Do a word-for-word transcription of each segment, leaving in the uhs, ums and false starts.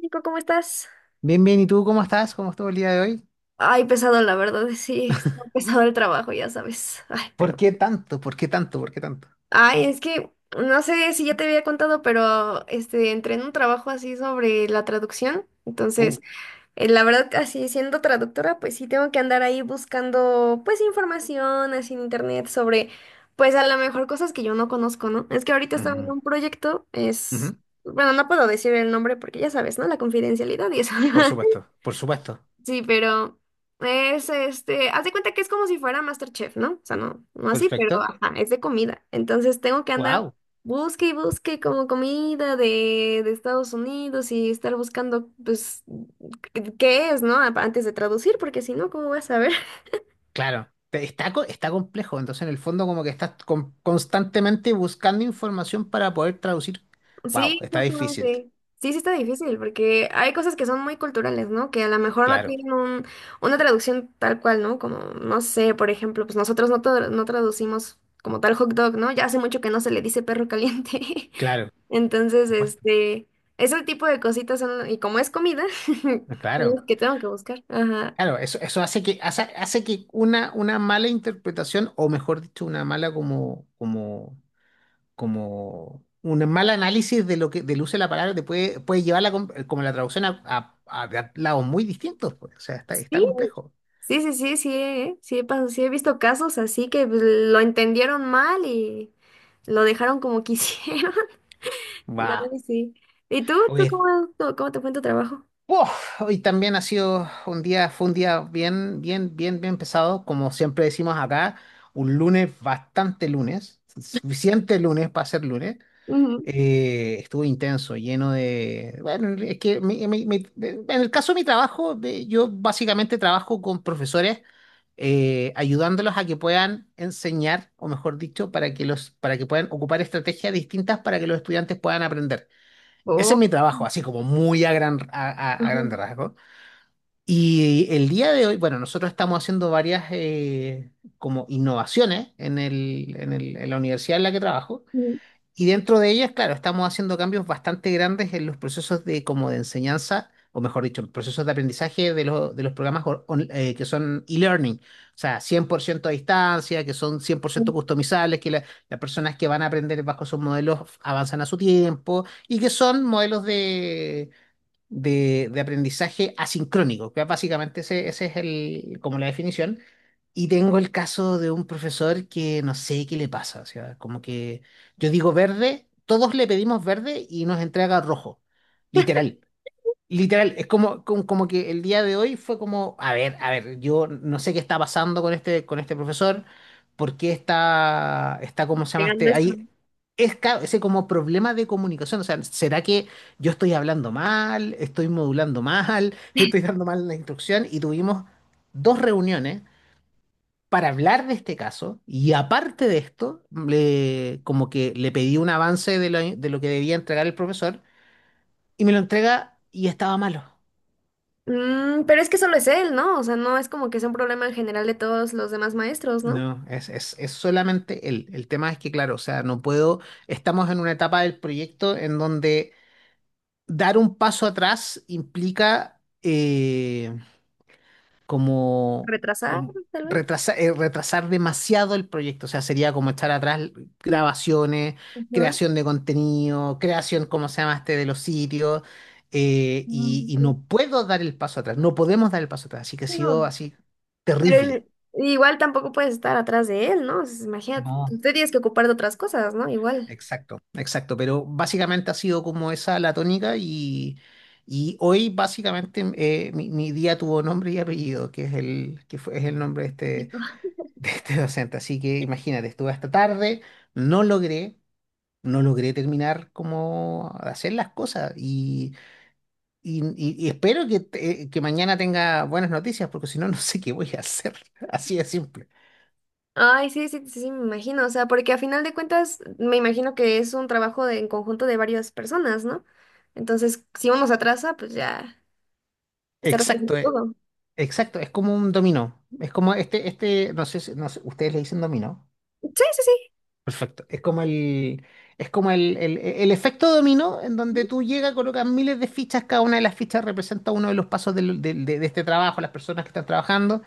Nico, ¿cómo estás? Bien, bien, ¿y tú cómo estás? ¿Cómo estuvo el día de hoy? Ay, pesado, la verdad, sí, está pesado el trabajo, ya sabes. Ay, ¿Por pero. qué tanto? ¿Por qué tanto? ¿Por qué tanto? Ay, es que no sé si ya te había contado, pero este, entré en un trabajo así sobre la traducción. Uh, Entonces, eh, la verdad, así siendo traductora, pues sí tengo que andar ahí buscando, pues, información así en internet sobre, pues, a lo mejor cosas que yo no conozco, ¿no? Es que ahorita estaba en ujú, un proyecto, es. ujú. Bueno, no puedo decir el nombre porque ya sabes, ¿no? La confidencialidad y eso. Por supuesto, por supuesto. Sí, pero es este, haz de cuenta que es como si fuera MasterChef, ¿no? O sea, no, no así, pero Perfecto. ajá, es de comida. Entonces tengo que andar Wow, busque y busque como comida de, de Estados Unidos y estar buscando, pues, qué qué es, ¿no? Antes de traducir, porque si no, ¿cómo voy a saber? claro. Te- Está, co- está complejo, entonces en el fondo como que estás con- constantemente buscando información para poder traducir. Wow, Sí, está difícil. justamente. Sí, sí está difícil, porque hay cosas que son muy culturales, ¿no? Que a lo mejor no Claro, tienen un, una traducción tal cual, ¿no? Como, no sé, por ejemplo, pues nosotros no, tra- no traducimos como tal hot dog, ¿no? Ya hace mucho que no se le dice perro caliente. claro. Por Entonces, supuesto. este, ese tipo de cositas son, y como es comida, son Claro, las que tengo que buscar. Ajá. claro, eso, eso hace que, hace, hace que una, una mala interpretación, o mejor dicho, una mala como, como como un mal análisis de lo que del uso de la palabra te puede, puede llevar la, com- eh, como la traducción a, a- a a lados muy distintos, pues. O sea, está, está Sí, complejo. sí, sí, sí, sí, eh, Sí, he pas- sí he visto casos así que pues, lo entendieron mal y lo dejaron como quisieron. Va. No, sí. ¿Y tú? ¿Tú Oye, cómo, tú- ¿Cómo te fue en tu trabajo? ¡uf! Hoy también ha sido un día, fue un día bien, bien, bien, bien pesado, como siempre decimos acá, un lunes bastante lunes, suficiente lunes para ser lunes. Ujú. Eh, estuvo intenso, lleno de... Bueno, es que mi- mi- mi- en el caso de mi trabajo, de- yo básicamente trabajo con profesores, eh, ayudándolos a que puedan enseñar, o mejor dicho, para que los, para que puedan ocupar estrategias distintas para que los estudiantes puedan aprender. Ese es mi Oh. trabajo, así como muy a gran, a, a- a grande Ujú. rasgo. Y el día de hoy, bueno, nosotros estamos haciendo varias eh, como innovaciones en el, en el- en la universidad en la que trabajo. Ujú. Y dentro de ellas, claro, estamos haciendo cambios bastante grandes en los procesos de, como de enseñanza, o mejor dicho, procesos de aprendizaje de, los de los programas on- on- eh, que son e-learning, o sea, cien por ciento a distancia, que son cien por ciento customizables, que la- las personas que van a aprender bajo esos modelos avanzan a su tiempo y que son modelos de de, de aprendizaje asincrónico, que básicamente ese, ese es el, como la definición. Y tengo el caso de un profesor que no sé qué le pasa, o sea, como que yo digo verde, todos le pedimos verde y nos entrega rojo, literal. Literal, es como, como, como que el día de hoy fue como, a ver, a ver, yo no sé qué está pasando con este, con este profesor, por qué está, está, ¿cómo se llama Pegando este? eso. Ahí es ca- ese como problema de comunicación, o sea, ¿será que yo estoy hablando mal, estoy modulando mal, estoy dando mal la instrucción? Y tuvimos dos reuniones para hablar de este caso y aparte de esto, le, como que le pedí un avance de lo, de lo que debía entregar el profesor y me lo entrega y estaba malo. Mm, pero es que solo es él, ¿no? O sea, no es como que sea un problema en general de todos los demás maestros, ¿no? No, es, es, es solamente él. El tema es que, claro, o sea, no puedo, estamos en una etapa del proyecto en donde dar un paso atrás implica eh, como, Retrasar, como tal vez. retrasa- eh, retrasar demasiado el proyecto, o sea, sería como echar atrás grabaciones, Ajá. creación de contenido, creación, ¿cómo se llama este?, de los sitios, eh, y, Mm, y sí. no puedo dar el paso atrás, no podemos dar el paso atrás, así que ha sido No, así pero terrible. igual tampoco puedes estar atrás de él, ¿no? O sea, imagínate, No. tú te tienes que ocupar de otras cosas, ¿no? Igual. Exacto, exacto, pero básicamente ha sido como esa la tónica y, y hoy básicamente eh, mi, mi día tuvo nombre y apellido, que es el, que fue, es el nombre de este, de este docente. Así que imagínate, estuve hasta tarde, no logré, no logré terminar como hacer las cosas y, y, y- y espero que, te- eh, que mañana tenga buenas noticias, porque si no, no sé qué voy a hacer. Así de simple. Ay, sí, sí, sí, sí, me imagino, o sea, porque a final de cuentas me imagino que es un trabajo de- en conjunto de varias personas, ¿no? Entonces, si uno se atrasa, pues ya está resolviendo Exacto, eh. todo. Exacto, es como un dominó. Es como este, este, no sé, si- no sé, ustedes le dicen dominó. Sí, sí, sí. Perfecto. Es como el, es como el, el, el efecto dominó en donde tú llegas, colocas miles de fichas, cada una de las fichas representa uno de los pasos del- del- de, de este trabajo, las personas que están trabajando.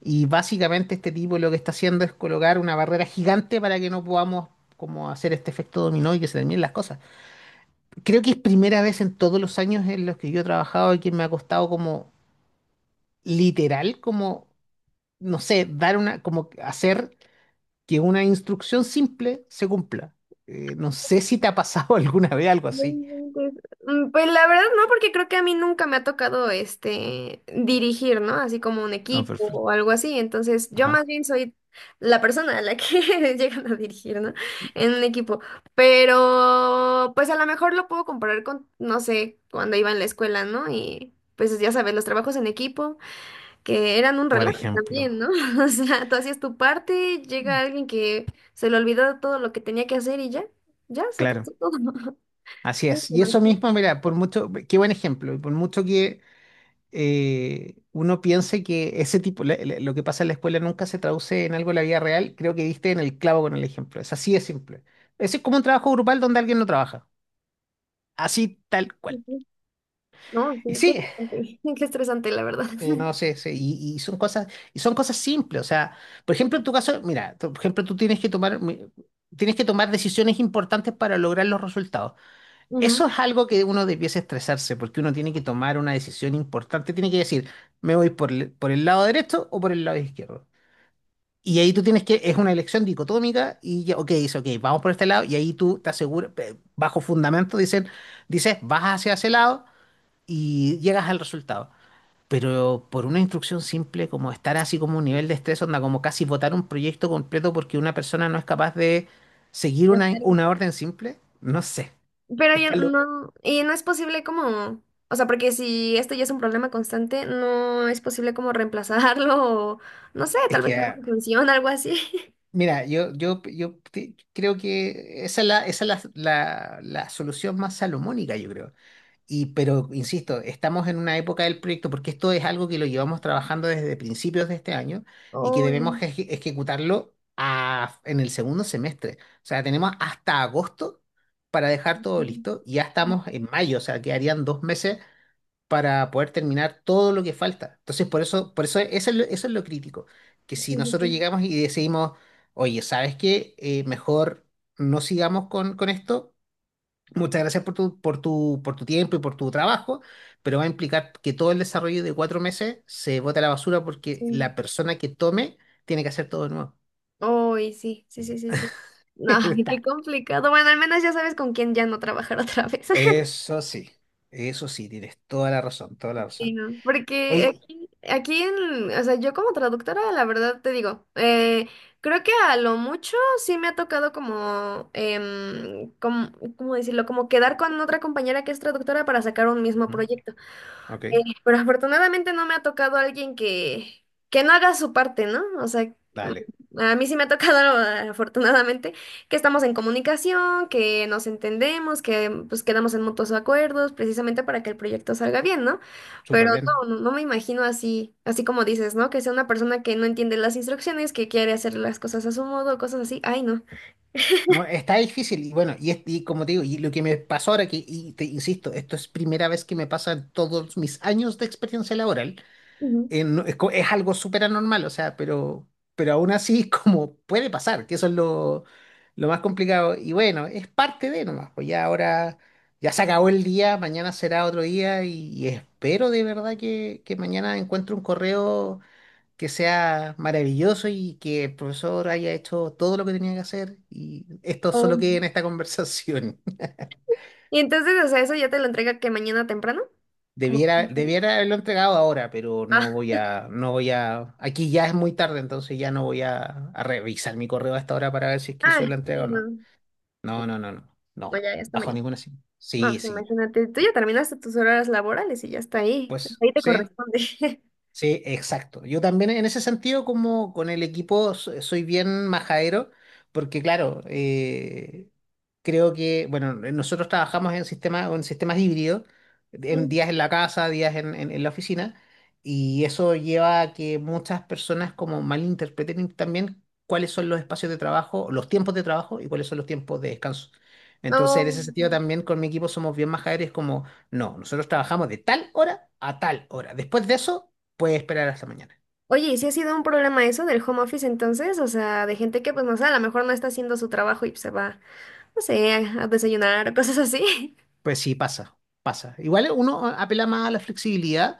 Y básicamente este tipo lo que está haciendo es colocar una barrera gigante para que no podamos como hacer este efecto dominó y que se terminen las cosas. Creo que es primera vez en todos los años en los que yo he trabajado y que me ha costado como literal, como no sé, dar una, como que hacer que una instrucción simple se cumpla. Eh, no sé si te ha pasado alguna vez algo No así. inventes. Mm, pues la verdad no, porque creo que a mí nunca me ha tocado este dirigir, ¿no? Así como un No, equipo o perfecto. algo así. Entonces, yo Ajá. más bien soy la persona a la que llegan a dirigir, ¿no? En un equipo. Pero, pues a lo mejor lo puedo comparar con, no sé, cuando iba en la escuela, ¿no? Y pues ya sabes, los trabajos en equipo, que eran un Por relajo ejemplo. también, ¿no? O sea, tú hacías tu parte, llega alguien que se le olvidó todo lo que tenía que hacer y ya, ya se Claro, atrasó todo. así es. Y eso Sí. mismo, mira, por mucho, qué buen ejemplo, y por mucho que eh, uno piense que ese tipo, la- la- lo que pasa en la escuela nunca se traduce en algo en la vida real, creo que diste en el clavo con el ejemplo. Es así de simple. Ese es como un trabajo grupal donde alguien no trabaja. Así tal cual. Ujú. No, Y sí, qué sí, estresante, qué estresante, la verdad. sí, no sé, sí, y, y son cosas, y son cosas simples, o sea, por ejemplo, en tu caso, mira, tú- por ejemplo, tú tienes que tomar, mi- tienes que tomar decisiones importantes para lograr los resultados. Ujú, Eso es algo que uno debiese estresarse, porque uno tiene que tomar una decisión importante, tiene que decir, me voy por el, por el lado derecho o por el lado izquierdo. Y ahí tú tienes que, es una elección dicotómica, y ya, ok, dice, ok, vamos por este lado, y ahí tú te aseguras, eh, bajo fundamento, dicen, dices, vas hacia ese lado y llegas al resultado. Pero por una instrucción simple, como estar así como un nivel de estrés, onda como casi votar un proyecto completo porque una persona no es capaz de seguir de una, hacerlo. una orden simple, no sé. Pero ya Está lo... no, y no es posible como, o sea, porque si esto ya es un problema constante, ¿no es posible como reemplazarlo o, no sé, Es tal vez que, ah, alguna función, algo así? mira, yo, yo, yo te- creo que esa es la, esa es la, la, la solución más salomónica, yo creo. Y, pero, insisto, estamos en una época del proyecto porque esto es algo que lo llevamos trabajando desde principios de este año y que Oh, debemos no. eje- ejecutarlo a- en el segundo semestre. O sea, tenemos hasta agosto para dejar todo Sí, listo y ya estamos en mayo, o sea, quedarían dos meses para poder terminar todo lo que falta. Entonces, por eso, por eso, eso es lo, eso es lo crítico, que si sí, nosotros sí. llegamos y decidimos, oye, ¿sabes qué? Eh, mejor no sigamos con, con esto. Muchas gracias por tu, por tu, por tu tiempo y por tu trabajo, pero va a implicar que todo el desarrollo de cuatro meses se bote a la basura porque Sí. la persona que tome tiene que hacer todo de nuevo. Uy, sí, sí, sí, sí, sí. No, qué Está. complicado. Bueno, al menos ya sabes con quién ya no trabajar otra vez. Eso sí, eso sí, tienes toda la razón, toda la Sí, razón. no, porque Oye, aquí, aquí en, o sea, yo como traductora, la verdad te digo, eh, creo que a lo mucho sí me ha tocado como, em, como, ¿cómo decirlo? Como quedar con otra compañera que es traductora para sacar un mismo ujú, proyecto. ok, Eh, pero afortunadamente no me ha tocado alguien que, que no haga su parte, ¿no? O sea, dale, mm, a mí sí me ha tocado, afortunadamente, que estamos en comunicación, que nos entendemos, que pues quedamos en mutuos acuerdos, precisamente para que el proyecto salga bien, ¿no? Pero súper bien. no, no no me imagino así, así como dices, ¿no? Que sea una persona que no entiende las instrucciones, que quiere hacer las cosas a su modo, cosas así. Ay, no. No, está difícil y bueno, y, es- y como te digo, y lo que me pasó ahora, que, y te insisto, esto es primera vez que me pasa en todos mis años de experiencia laboral. Ujú. eh, no- es, co- es algo súper anormal, o sea, pero, pero aún así es como puede pasar, que eso es lo, lo más complicado. Y bueno, es parte de nomás, pues ya ahora, ya se acabó el día, mañana será otro día y, y espero de verdad que, que mañana encuentre un correo que sea maravilloso y que el profesor haya hecho todo lo que tenía que hacer y esto solo quede Oh. en esta conversación. Y entonces, o sea, eso ya te lo entrega que mañana temprano, como... Debiera, debiera haberlo entregado ahora, pero no Ah, voy a, no voy a, aquí ya es muy tarde, entonces ya no voy a, a revisar mi correo hasta ahora para ver si es que ah, hizo la entrega o sí, no. no. No, no, no, no, No, no, ya, ya está bajo mañana. ninguna circunstancia. No, Sí, pues sí, ya. imagínate, tú ya terminaste tus horas laborales y ya está ahí. Hasta Pues, ahí te sí. corresponde. Sí, exacto. Yo también en ese sentido, como con el equipo, so- soy bien majadero, porque claro, eh, creo que, bueno, nosotros trabajamos en sistemas, en sistemas híbridos, en Mm. días en la casa, días en, en- en la oficina, y eso lleva a que muchas personas como malinterpreten también cuáles son los espacios de trabajo, los tiempos de trabajo y cuáles son los tiempos de descanso. Entonces, en No. ese sentido también con mi equipo somos bien majaderos, como, no, nosotros trabajamos de tal hora a tal hora. Después de eso puede esperar hasta mañana. Oye, ¿y si ha sido un problema eso del home office entonces? O sea, de gente que, pues, no sé, a lo mejor no está haciendo su trabajo y se va, no sé, a, a desayunar o cosas así. Pues sí, pasa, pasa. Igual uno apela más a la flexibilidad,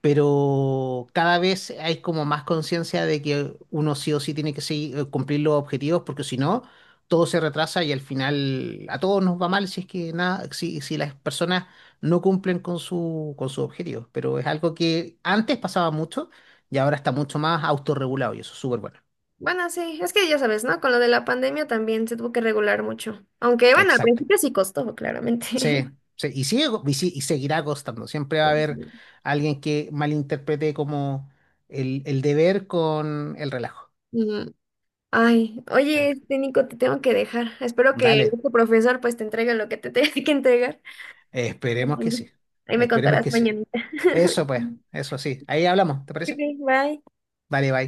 pero cada vez hay como más conciencia de que uno sí o sí tiene que seguir- eh, cumplir los objetivos, porque si no, todo se retrasa y al final a todos nos va mal si es que nada, si, si las personas no cumplen con su, con sus objetivos. Pero es algo que antes pasaba mucho y ahora está mucho más autorregulado y eso es súper bueno. Bueno, sí, es que ya sabes, ¿no? Con lo de la pandemia también se tuvo que regular mucho. Aunque, bueno, al Exacto. principio sí costó, claramente. Sí, sí, y sigue, co- y, sí- y seguirá costando. Siempre va a haber alguien que malinterprete como el, el deber con el relajo. Mm. Ay, Eh, oye, este Nico, te tengo que dejar. Espero que Dale, tu profesor pues te entregue lo que te tenga que entregar. esperemos que Bueno, sí. ahí me Esperemos contarás que sí. mañanita. Eso pues, eso sí. Ahí hablamos, ¿te Ok, parece? bye. Dale, bye.